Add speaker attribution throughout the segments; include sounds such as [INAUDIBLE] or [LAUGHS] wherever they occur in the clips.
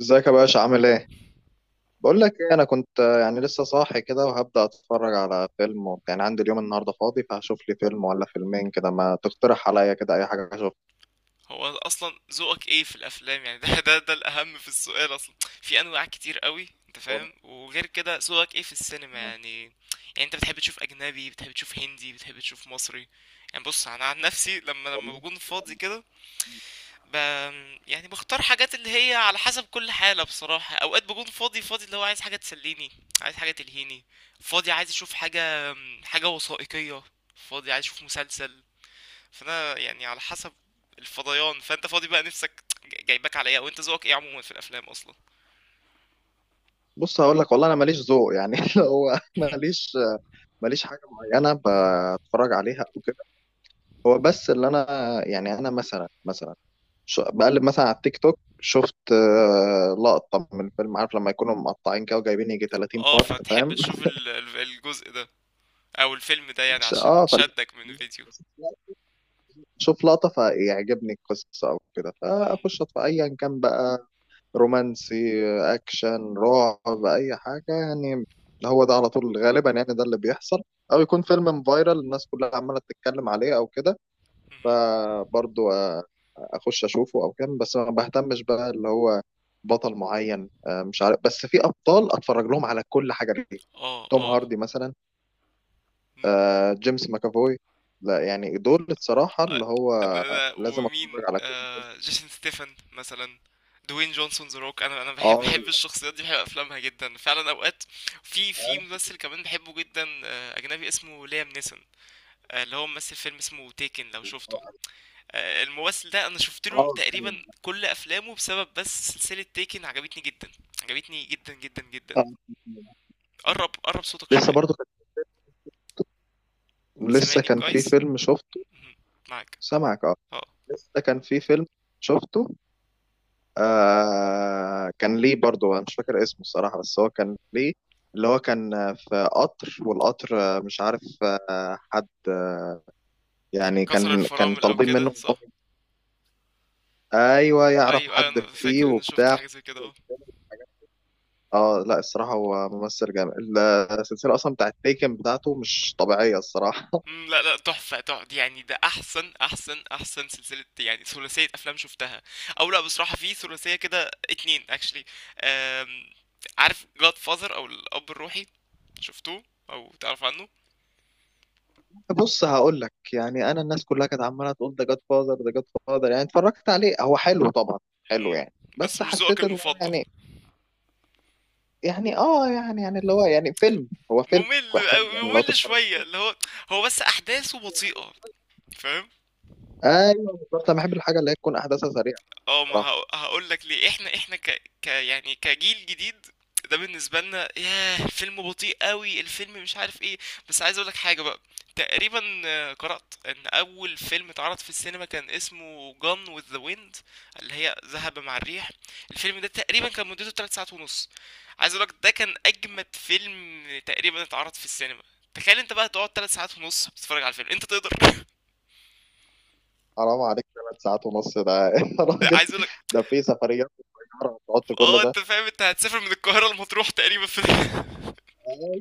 Speaker 1: ازيك يا باشا عامل ايه؟ بقول لك ايه، انا كنت يعني لسه صاحي كده وهبدأ اتفرج على فيلم يعني عندي اليوم النهارده فاضي، فهشوف لي فيلم ولا فيلمين كده. ما تقترح عليا كده اي حاجه اشوفها.
Speaker 2: هو اصلا ذوقك ايه في الافلام؟ يعني ده الاهم في السؤال اصلا. في انواع كتير قوي انت
Speaker 1: والله.
Speaker 2: فاهم، وغير كده ذوقك ايه في السينما؟ يعني انت بتحب تشوف اجنبي، بتحب تشوف هندي، بتحب تشوف مصري؟ يعني بص، انا عن نفسي لما
Speaker 1: والله.
Speaker 2: بكون فاضي كده ب... يعني بختار حاجات اللي هي على حسب كل حالة بصراحة. اوقات بكون فاضي فاضي، اللي هو عايز حاجة تسليني، عايز حاجة تلهيني. فاضي عايز اشوف حاجة، حاجة وثائقية. فاضي عايز اشوف مسلسل. فانا يعني على حسب الفضيان. فانت فاضي بقى، نفسك جايباك على ايه؟ وانت ذوقك ايه عموما في الافلام اصلا؟
Speaker 1: بص هقول لك، والله انا ماليش ذوق يعني [LAUGHS] اللي هو
Speaker 2: [LAUGHS]
Speaker 1: ماليش، ماليش حاجه معينه بتفرج عليها او كده. هو بس اللي انا يعني، انا مثلا مثلا بقلب مثلا على التيك توك، شفت لقطه من الفيلم. عارف لما يكونوا مقطعين كده وجايبين يجي 30
Speaker 2: اه،
Speaker 1: بارت،
Speaker 2: فتحب
Speaker 1: فاهم؟
Speaker 2: تشوف الجزء ده او الفيلم ده، يعني
Speaker 1: [LAUGHS]
Speaker 2: عشان
Speaker 1: اه، فال
Speaker 2: شدك من الفيديو.
Speaker 1: شوف لقطة فيعجبني القصة أو كده،
Speaker 2: [LAUGHS] مهم.
Speaker 1: فأخش أطفى أيا كان بقى. رومانسي، أكشن، رعب، أي حاجة يعني. هو ده على طول غالبا، يعني ده اللي بيحصل. أو يكون فيلم فايرال الناس كلها عمالة تتكلم عليه أو كده.
Speaker 2: مهم.
Speaker 1: فبرضو أخش أشوفه أو كده، بس ما بهتمش بقى اللي هو بطل معين. مش عارف، بس في أبطال أتفرج لهم على كل حاجة ليه.
Speaker 2: اه
Speaker 1: توم
Speaker 2: اه. [LAUGHS]
Speaker 1: هاردي مثلا.
Speaker 2: مم.
Speaker 1: جيمس ماكافوي. لا يعني دول الصراحة
Speaker 2: آه،
Speaker 1: اللي هو
Speaker 2: انا
Speaker 1: لازم أتفرج
Speaker 2: ومين،
Speaker 1: على.
Speaker 2: جيسون ستيفن مثلا، دوين جونسون ذا روك. انا بحب
Speaker 1: اه،
Speaker 2: بحب الشخصيات دي، بحب افلامها جدا فعلا اوقات. في
Speaker 1: اه.
Speaker 2: ممثل كمان بحبه جدا، اجنبي اسمه ليام نيسون. اللي هو ممثل فيلم اسمه تيكن، لو شفته. الممثل ده انا شفت له
Speaker 1: آه.
Speaker 2: تقريبا كل افلامه، بسبب بس سلسلة تيكن عجبتني جدا. عجبتني جدا جدا جدا.
Speaker 1: آه.
Speaker 2: قرب قرب صوتك
Speaker 1: لسه
Speaker 2: شوية.
Speaker 1: برضو كان، لسه
Speaker 2: سامعني
Speaker 1: كان في
Speaker 2: كويس؟
Speaker 1: فيلم شفته.
Speaker 2: معاك
Speaker 1: سامعك، اه.
Speaker 2: اه.
Speaker 1: لسه كان في فيلم شفته. آه، كان ليه برضو. انا مش فاكر اسمه الصراحة، بس هو كان ليه اللي هو، كان في قطر، والقطر مش عارف. حد يعني
Speaker 2: كسر
Speaker 1: كان
Speaker 2: الفرامل او
Speaker 1: طالبين
Speaker 2: كده،
Speaker 1: منه إن هو.
Speaker 2: صح؟
Speaker 1: ايوه، يعرف
Speaker 2: ايوه ايوه، انا
Speaker 1: حد فيه
Speaker 2: فاكر اني شفت
Speaker 1: وبتاع.
Speaker 2: حاجة زي كده، اه.
Speaker 1: اه، لا الصراحة هو ممثل جامد. السلسلة اصلا بتاعت تيكن بتاعته مش طبيعية الصراحة.
Speaker 2: مم، لا لا، تحفة تحفة، يعني ده احسن احسن احسن سلسلة، يعني ثلاثية افلام شفتها. او لا، بصراحة في ثلاثية كده اتنين اكشلي، عارف، جاد فاذر، او الاب الروحي، شفتوه او تعرف عنه؟
Speaker 1: بص هقول لك، يعني انا الناس كلها كانت عماله تقول ده جاد فاذر، ده جاد فاذر. يعني اتفرجت عليه، هو حلو طبعا، حلو
Speaker 2: إمم.
Speaker 1: يعني،
Speaker 2: بس
Speaker 1: بس
Speaker 2: مش ذوقك
Speaker 1: حسيت ان هو
Speaker 2: المفضل.
Speaker 1: يعني. يعني اه، يعني يعني اللي هو يعني فيلم، هو فيلم
Speaker 2: ممل
Speaker 1: حلو
Speaker 2: أوي،
Speaker 1: يعني لو
Speaker 2: ممل
Speaker 1: تتفرج.
Speaker 2: شوية، اللي هو. هو بس أحداثه بطيئة، فاهم؟
Speaker 1: ايوه بالظبط، انا بحب الحاجه اللي هي تكون احداثها سريعه
Speaker 2: اه، ما
Speaker 1: بصراحه.
Speaker 2: هقول لك ليه، احنا ك... ك يعني كجيل جديد، ده بالنسبه لنا ياه، الفيلم بطيء قوي، الفيلم مش عارف ايه. بس عايز اقول لك حاجه بقى. تقريبا قرات ان اول فيلم اتعرض في السينما كان اسمه جون وذ ذا ويند، اللي هي ذهب مع الريح. الفيلم ده تقريبا كان مدته 3 ساعات ونص. عايز اقول لك، ده كان اجمد فيلم تقريبا اتعرض في السينما. تخيل انت بقى تقعد 3 ساعات ونص بتتفرج على الفيلم، انت تقدر؟ [LAUGHS]
Speaker 1: حرام عليك، ثلاث ساعات ونص ده! [LAUGHS] يا راجل،
Speaker 2: عايز اقول لك،
Speaker 1: ده في سفريات صغيره وتقعد كل
Speaker 2: اه
Speaker 1: ده.
Speaker 2: انت فاهم، انت هتسافر من القاهره لمطروح تقريبا في. [LAUGHS]
Speaker 1: أيوه.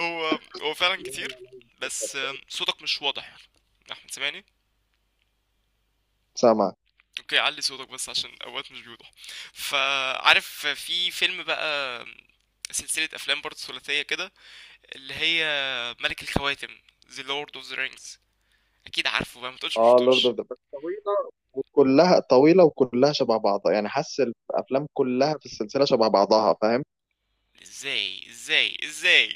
Speaker 2: هو فعلا
Speaker 1: لا
Speaker 2: كتير.
Speaker 1: لا لا.
Speaker 2: بس صوتك مش واضح يعني، احمد سامعني؟
Speaker 1: سامع،
Speaker 2: اوكي، علي صوتك بس، عشان اوقات مش بيوضح. فعارف في فيلم بقى، آم، سلسلة افلام برضه ثلاثية كده، اللي هي ملك الخواتم، The Lord of the Rings. اكيد عارفه بقى، ما تقولش مش
Speaker 1: اه. لورد
Speaker 2: شفتوش.
Speaker 1: اوف ذا رينجز طويله، وكلها طويله وكلها شبه بعضها. يعني حاسس الافلام كلها في السلسله شبه بعضها، فاهم؟
Speaker 2: ازاي ازاي ازاي؟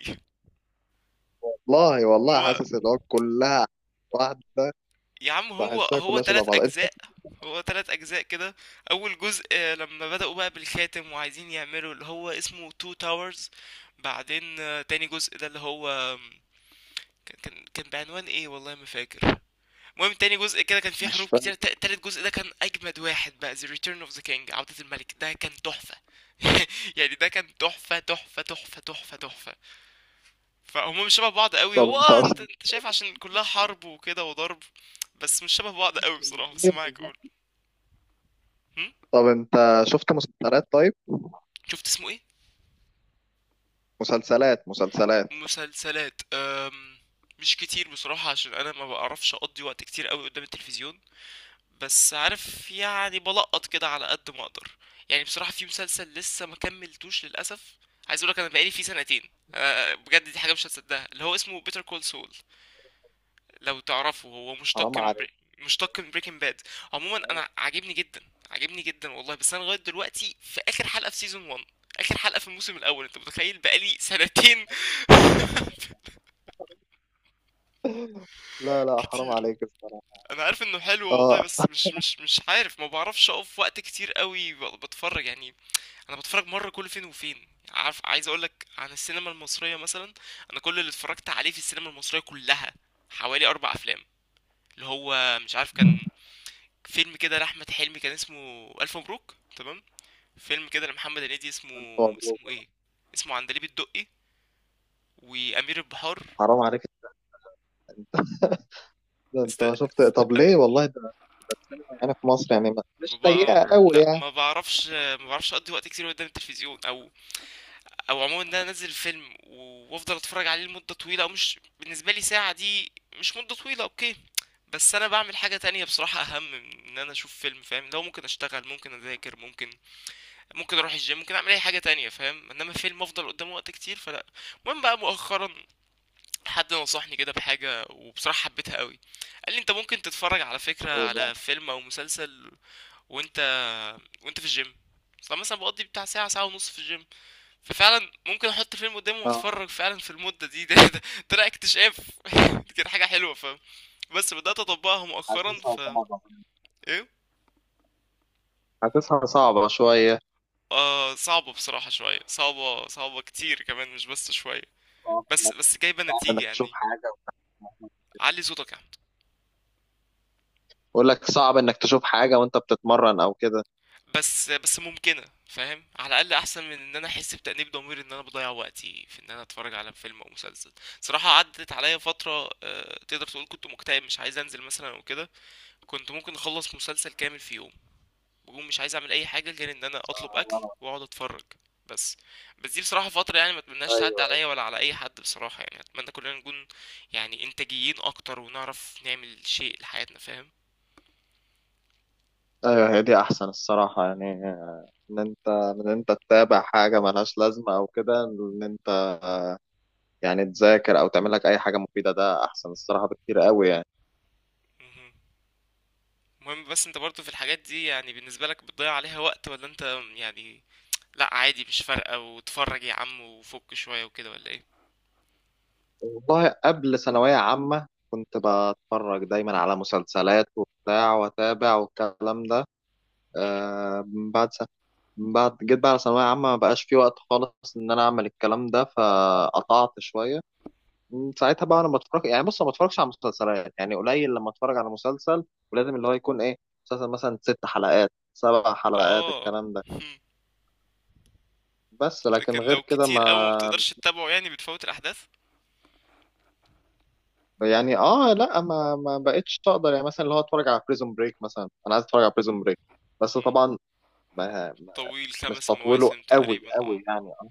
Speaker 1: والله، والله
Speaker 2: هو
Speaker 1: حاسس ان هو كلها واحده.
Speaker 2: يا عم، هو
Speaker 1: بحسها
Speaker 2: هو
Speaker 1: كلها شبه
Speaker 2: تلات
Speaker 1: بعضها انت.
Speaker 2: اجزاء. هو تلات اجزاء كده. اول جزء، لما بدأوا بقى بالخاتم وعايزين يعملوا اللي هو اسمه تو تاورز. بعدين تاني جزء ده، اللي هو آم، كان بعنوان ايه، والله ما فاكر. المهم تاني جزء كده كان فيه
Speaker 1: مش
Speaker 2: حروب
Speaker 1: فاهم.
Speaker 2: كتير. تالت جزء ده كان اجمد واحد بقى، The Return of the King، عودة الملك، ده كان تحفة. [LAUGHS] يعني ده كان تحفة تحفة تحفة تحفة تحفة. فهم مش شبه بعض قوي
Speaker 1: طب
Speaker 2: هو،
Speaker 1: انت
Speaker 2: اه، انت
Speaker 1: اصلا.
Speaker 2: انت شايف عشان كلها حرب وكده وضرب، بس مش شبه بعض قوي بصراحة. بس معاك،
Speaker 1: [LAUGHS]
Speaker 2: قول. هم؟
Speaker 1: طب انت شفت مسلسلات طيب؟
Speaker 2: شفت اسمه ايه؟
Speaker 1: مسلسلات.
Speaker 2: مسلسلات مش كتير بصراحة، عشان انا ما بعرفش اقضي وقت كتير قوي قدام التلفزيون، بس عارف يعني بلقط كده على قد ما اقدر. يعني بصراحة في مسلسل لسه ما كملتوش للأسف، عايز اقولك انا بقالي فيه سنتين. أه بجد، دي حاجة مش هتصدقها، اللي هو اسمه بيتر كول سول، لو تعرفه، هو مشتق
Speaker 1: حرام
Speaker 2: من
Speaker 1: عليك.
Speaker 2: مشتق من بريكنج باد. عموما انا عاجبني جدا، عاجبني جدا والله، بس انا لغايه دلوقتي في اخر حلقه في سيزون 1. اخر حلقه في الموسم الاول، انت متخيل، بقالي سنتين. [LAUGHS]
Speaker 1: لا
Speaker 2: [APPLAUSE]
Speaker 1: لا، حرام
Speaker 2: كتير.
Speaker 1: عليك الصراحه.
Speaker 2: انا عارف انه حلو والله،
Speaker 1: اه.
Speaker 2: بس مش عارف، ما بعرفش اقف وقت كتير قوي بتفرج يعني. انا بتفرج مره كل فين وفين، عارف. عايز اقول لك عن السينما المصريه مثلا، انا كل اللي اتفرجت عليه في السينما المصريه كلها، حوالي اربع افلام، اللي هو مش عارف، كان فيلم كده لأحمد حلمي كان اسمه ألف مبروك، تمام. فيلم كده لمحمد هنيدي، اسمه
Speaker 1: ألف مبروك.
Speaker 2: اسمه ايه، اسمه عندليب الدقي، وأمير البحار.
Speaker 1: حرام عليك، ده
Speaker 2: است...
Speaker 1: انت شفت. طب
Speaker 2: أنا...
Speaker 1: ليه؟ والله ده، ده السينما يعني في مصر يعني،
Speaker 2: ما
Speaker 1: مش
Speaker 2: بقى...
Speaker 1: سيئه قوي
Speaker 2: لا،
Speaker 1: يعني.
Speaker 2: ما بعرفش، اقضي وقت كتير قدام التلفزيون، او عموما ان انا انزل فيلم وافضل اتفرج عليه لمده طويله، او مش بالنسبه لي ساعه دي مش مده طويله اوكي. بس انا بعمل حاجه تانية بصراحه، اهم من ان انا اشوف فيلم، فاهم؟ لو ممكن اشتغل، ممكن اذاكر، ممكن اروح الجيم، ممكن اعمل اي حاجه تانية، فاهم، انما فيلم افضل قدامه وقت كتير، فلا. المهم بقى مؤخرا، حد نصحني كده بحاجه وبصراحه حبيتها قوي. قال لي انت ممكن تتفرج على فكره على فيلم او مسلسل وانت وانت في الجيم، اصلا مثلا بقضي بتاع ساعه ساعه ونص في الجيم، ففعلا ممكن احط فيلم قدامي
Speaker 1: اه،
Speaker 2: واتفرج فعلا في المده دي. ده طلع اكتشاف. [LAUGHS] دي كانت حاجه حلوه فاهم، بس بدات اطبقها مؤخرا
Speaker 1: حاسسها صعبة.
Speaker 2: ايه؟
Speaker 1: حاسسها صعبة شوية.
Speaker 2: آه، صعبة بصراحة شوية، صعبة صعبة كتير كمان مش بس شوية،
Speaker 1: صعب
Speaker 2: بس
Speaker 1: إنك،
Speaker 2: بس جايبة
Speaker 1: صعب
Speaker 2: نتيجة
Speaker 1: انك تشوف
Speaker 2: يعني.
Speaker 1: حاجة وتعملها.
Speaker 2: علي صوتك يا عم.
Speaker 1: بقول لك صعب انك تشوف حاجة وانت بتتمرن او كده.
Speaker 2: بس ممكنة، فاهم، على الأقل أحسن من إن أنا أحس بتأنيب ضمير إن أنا بضيع وقتي في إن أنا أتفرج على فيلم أو مسلسل. صراحة عدت عليا فترة، تقدر تقول كنت مكتئب، مش عايز أنزل مثلا أو كده. كنت ممكن أخلص مسلسل كامل في يوم، بقوم مش عايز أعمل أي حاجة غير إن أنا أطلب أكل
Speaker 1: آه،
Speaker 2: وأقعد أتفرج. بس بس دي بصراحة فترة، يعني ما أتمناش تعدي
Speaker 1: أيوه.
Speaker 2: عليا ولا على أي حد بصراحة، يعني أتمنى كلنا نكون يعني إنتاجيين أكتر، ونعرف نعمل شيء لحياتنا، فاهم.
Speaker 1: ايوه هي دي احسن الصراحة، يعني ان انت من انت تتابع حاجة ملهاش لازمة، او كده ان انت يعني تذاكر او تعمل لك اي حاجة مفيدة، ده احسن الصراحة بكتير قوي يعني.
Speaker 2: مهم. المهم بس انت برضو في الحاجات دي، يعني بالنسبة لك بتضيع عليها وقت، ولا انت يعني لا عادي مش فارقة، وتفرج يا عم وفك شوية وكده، ولا ايه؟
Speaker 1: والله قبل ثانوية عامة كنت بتفرج دايما على مسلسلات وبتاع، واتابع والكلام ده.
Speaker 2: مم.
Speaker 1: آه، من بعد سنة، من بعد جيت بقى على ثانوية عامة، ما بقاش في وقت خالص إن أنا أعمل الكلام ده، فقطعت شوية. من ساعتها بقى أنا بتفرج، يعني بص ما بتفرجش على مسلسلات، يعني قليل لما أتفرج على مسلسل، ولازم اللي هو يكون إيه، مسلسل مثلا ست حلقات، سبع حلقات
Speaker 2: اه
Speaker 1: الكلام ده.
Speaker 2: مم.
Speaker 1: بس لكن
Speaker 2: لكن
Speaker 1: غير
Speaker 2: لو
Speaker 1: كده
Speaker 2: كتير قوي ما
Speaker 1: ما.
Speaker 2: بتقدرش تتابعه، يعني بتفوت الاحداث.
Speaker 1: يعني اه، لا ما ما بقتش تقدر. يعني مثلا اللي هو اتفرج على بريزون بريك مثلا، انا عايز اتفرج على بريزون بريك بس
Speaker 2: مم.
Speaker 1: طبعا ما- ما-
Speaker 2: طويل، خمس
Speaker 1: مستطوله
Speaker 2: مواسم
Speaker 1: قوي
Speaker 2: تقريبا، اه.
Speaker 1: قوي، يعني ان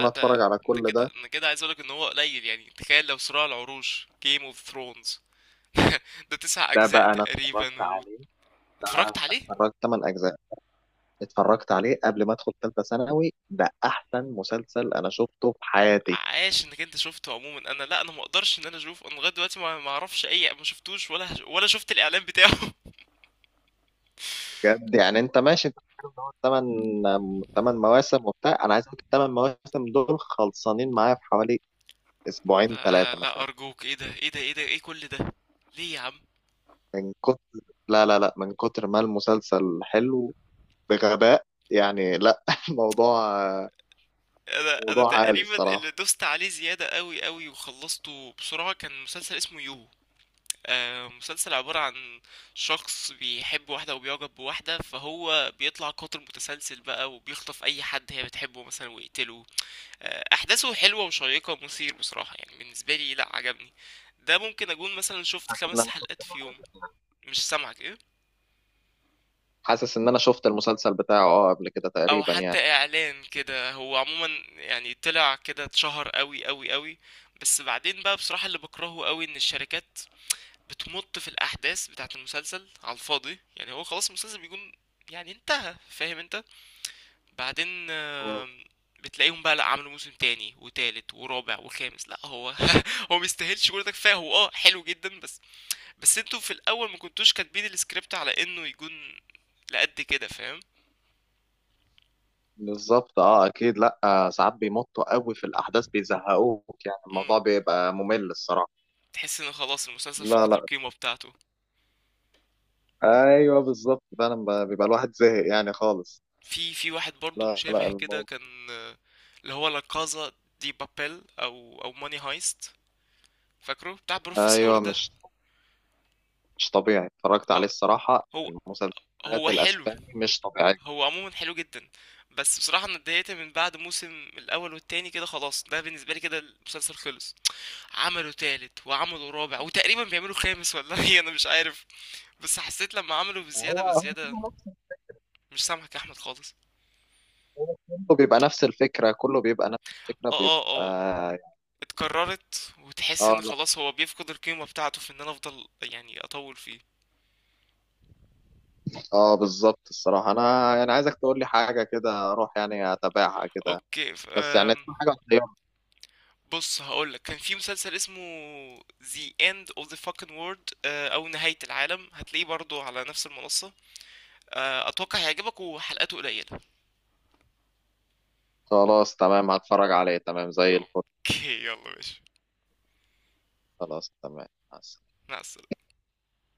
Speaker 2: لا
Speaker 1: اتفرج
Speaker 2: ده
Speaker 1: على
Speaker 2: ده
Speaker 1: كل ده.
Speaker 2: كده انا كده عايز اقولك ان هو قليل. يعني تخيل لو صراع العروش، Game of Thrones. [LAUGHS] ده تسع
Speaker 1: ده
Speaker 2: اجزاء
Speaker 1: بقى انا
Speaker 2: تقريبا،
Speaker 1: اتفرجت عليه. ده أنا
Speaker 2: واتفرجت عليه.
Speaker 1: اتفرجت 8 اجزاء. اتفرجت عليه قبل ما ادخل ثالثه ثانوي، ده احسن مسلسل انا شفته في حياتي.
Speaker 2: عاش انك انت شفته. عموما انا لا، انا ما اقدرش ان انا اشوفه، انا لغايه دلوقتي ما اعرفش اي، ما شفتوش، ولا ولا شفت الاعلان بتاعه. [LAUGHS]
Speaker 1: بجد يعني. انت ماشي انت بتتكلم إن هو تمن مواسم وبتاع، انا عايز اقول لك الثمان مواسم دول خلصانين معايا في حوالي اسبوعين
Speaker 2: لا,
Speaker 1: ثلاثه
Speaker 2: لا،
Speaker 1: مثلا.
Speaker 2: ارجوك، ايه ده، ايه ده، ايه ده، ايه كل ده؟ ليه يا عم؟
Speaker 1: من كتر، لا لا لا، من كتر ما المسلسل حلو، بغباء يعني، لا [LAUGHS] موضوع،
Speaker 2: انا
Speaker 1: موضوع عالي
Speaker 2: تقريبا اللي
Speaker 1: الصراحه.
Speaker 2: دوست عليه زياده قوي قوي، وخلصته بسرعه، كان مسلسل اسمه يو. آه، مسلسل عباره عن شخص بيحب واحده، وبيعجب بواحده، فهو بيطلع قاتل متسلسل بقى، وبيخطف اي حد هي بتحبه مثلا ويقتله. احداثه حلوه وشيقه ومثير بصراحه، يعني بالنسبه لي لا عجبني. ده ممكن اكون مثلا شفت خمس
Speaker 1: أنا
Speaker 2: حلقات في يوم. مش سامعك، ايه؟
Speaker 1: حاسس ان انا شفت المسلسل بتاعه اه قبل كده
Speaker 2: او
Speaker 1: تقريبا
Speaker 2: حتى
Speaker 1: يعني.
Speaker 2: اعلان كده، هو عموما يعني طلع كده، اتشهر قوي قوي قوي. بس بعدين بقى بصراحه، اللي بكرهه قوي ان الشركات بتمط في الاحداث بتاعه المسلسل على الفاضي، يعني هو خلاص المسلسل بيكون يعني انتهى، فاهم انت؟ بعدين بتلاقيهم بقى، لا، عملوا موسم تاني وتالت ورابع وخامس. لا، هو [LAUGHS] هو ميستاهلش كل ده، كفايه، هو اه حلو جدا، بس بس انتوا في الاول ما كنتوش كاتبين السكريبت على انه يكون لقد كده، فاهم.
Speaker 1: بالظبط، اه اكيد. لا ساعات بيمطوا قوي في الاحداث بيزهقوك، يعني
Speaker 2: امم
Speaker 1: الموضوع بيبقى ممل الصراحه.
Speaker 2: تحس ان خلاص المسلسل
Speaker 1: لا
Speaker 2: فقد
Speaker 1: لا.
Speaker 2: القيمه بتاعته.
Speaker 1: ايوه بالظبط فعلا، بيبقى الواحد زهق يعني خالص.
Speaker 2: في واحد برضو
Speaker 1: لا لا
Speaker 2: مشابه كده
Speaker 1: الموضوع.
Speaker 2: كان، اللي هو لا كازا دي بابيل، او ماني هايست، فاكره بتاع بروفيسور
Speaker 1: ايوه،
Speaker 2: ده؟
Speaker 1: مش طبيعي. اتفرجت عليه
Speaker 2: اه،
Speaker 1: الصراحه،
Speaker 2: هو
Speaker 1: المسلسلات
Speaker 2: هو حلو،
Speaker 1: الاسباني مش طبيعيه.
Speaker 2: هو عموما حلو جدا. بس بصراحه انا اتضايقت من بعد موسم الاول والتاني كده، خلاص ده بالنسبه لي كده المسلسل خلص. عملوا تالت وعملوا رابع وتقريبا بيعملوا خامس، ولا [LAUGHS] ايه، انا مش عارف. بس حسيت لما عملوا بزيادة
Speaker 1: هو، هو
Speaker 2: بزيادة،
Speaker 1: كله نفس،
Speaker 2: مش سامحك يا أحمد خالص.
Speaker 1: هو كله بيبقى نفس الفكره، كله بيبقى نفس الفكره،
Speaker 2: اه اه اه،
Speaker 1: بيبقى يعني.
Speaker 2: اتكررت وتحس
Speaker 1: اه،
Speaker 2: ان
Speaker 1: لا
Speaker 2: خلاص هو بيفقد القيمة بتاعته، في ان انا افضل يعني اطول فيه.
Speaker 1: اه بالظبط الصراحه. انا يعني عايزك تقول لي حاجه كده اروح يعني اتابعها كده،
Speaker 2: اوكي
Speaker 1: بس يعني تكون حاجه.
Speaker 2: بص هقولك، كان في مسلسل اسمه The End of the Fucking World، او نهاية العالم، هتلاقيه برضو على نفس المنصة. اتوقع هيعجبك، وحلقاته قليلة.
Speaker 1: خلاص تمام، هتفرج عليه تمام زي الفل.
Speaker 2: اوكي يلا ماشي.
Speaker 1: خلاص تمام، مع السلامة.
Speaker 2: مع السلامة.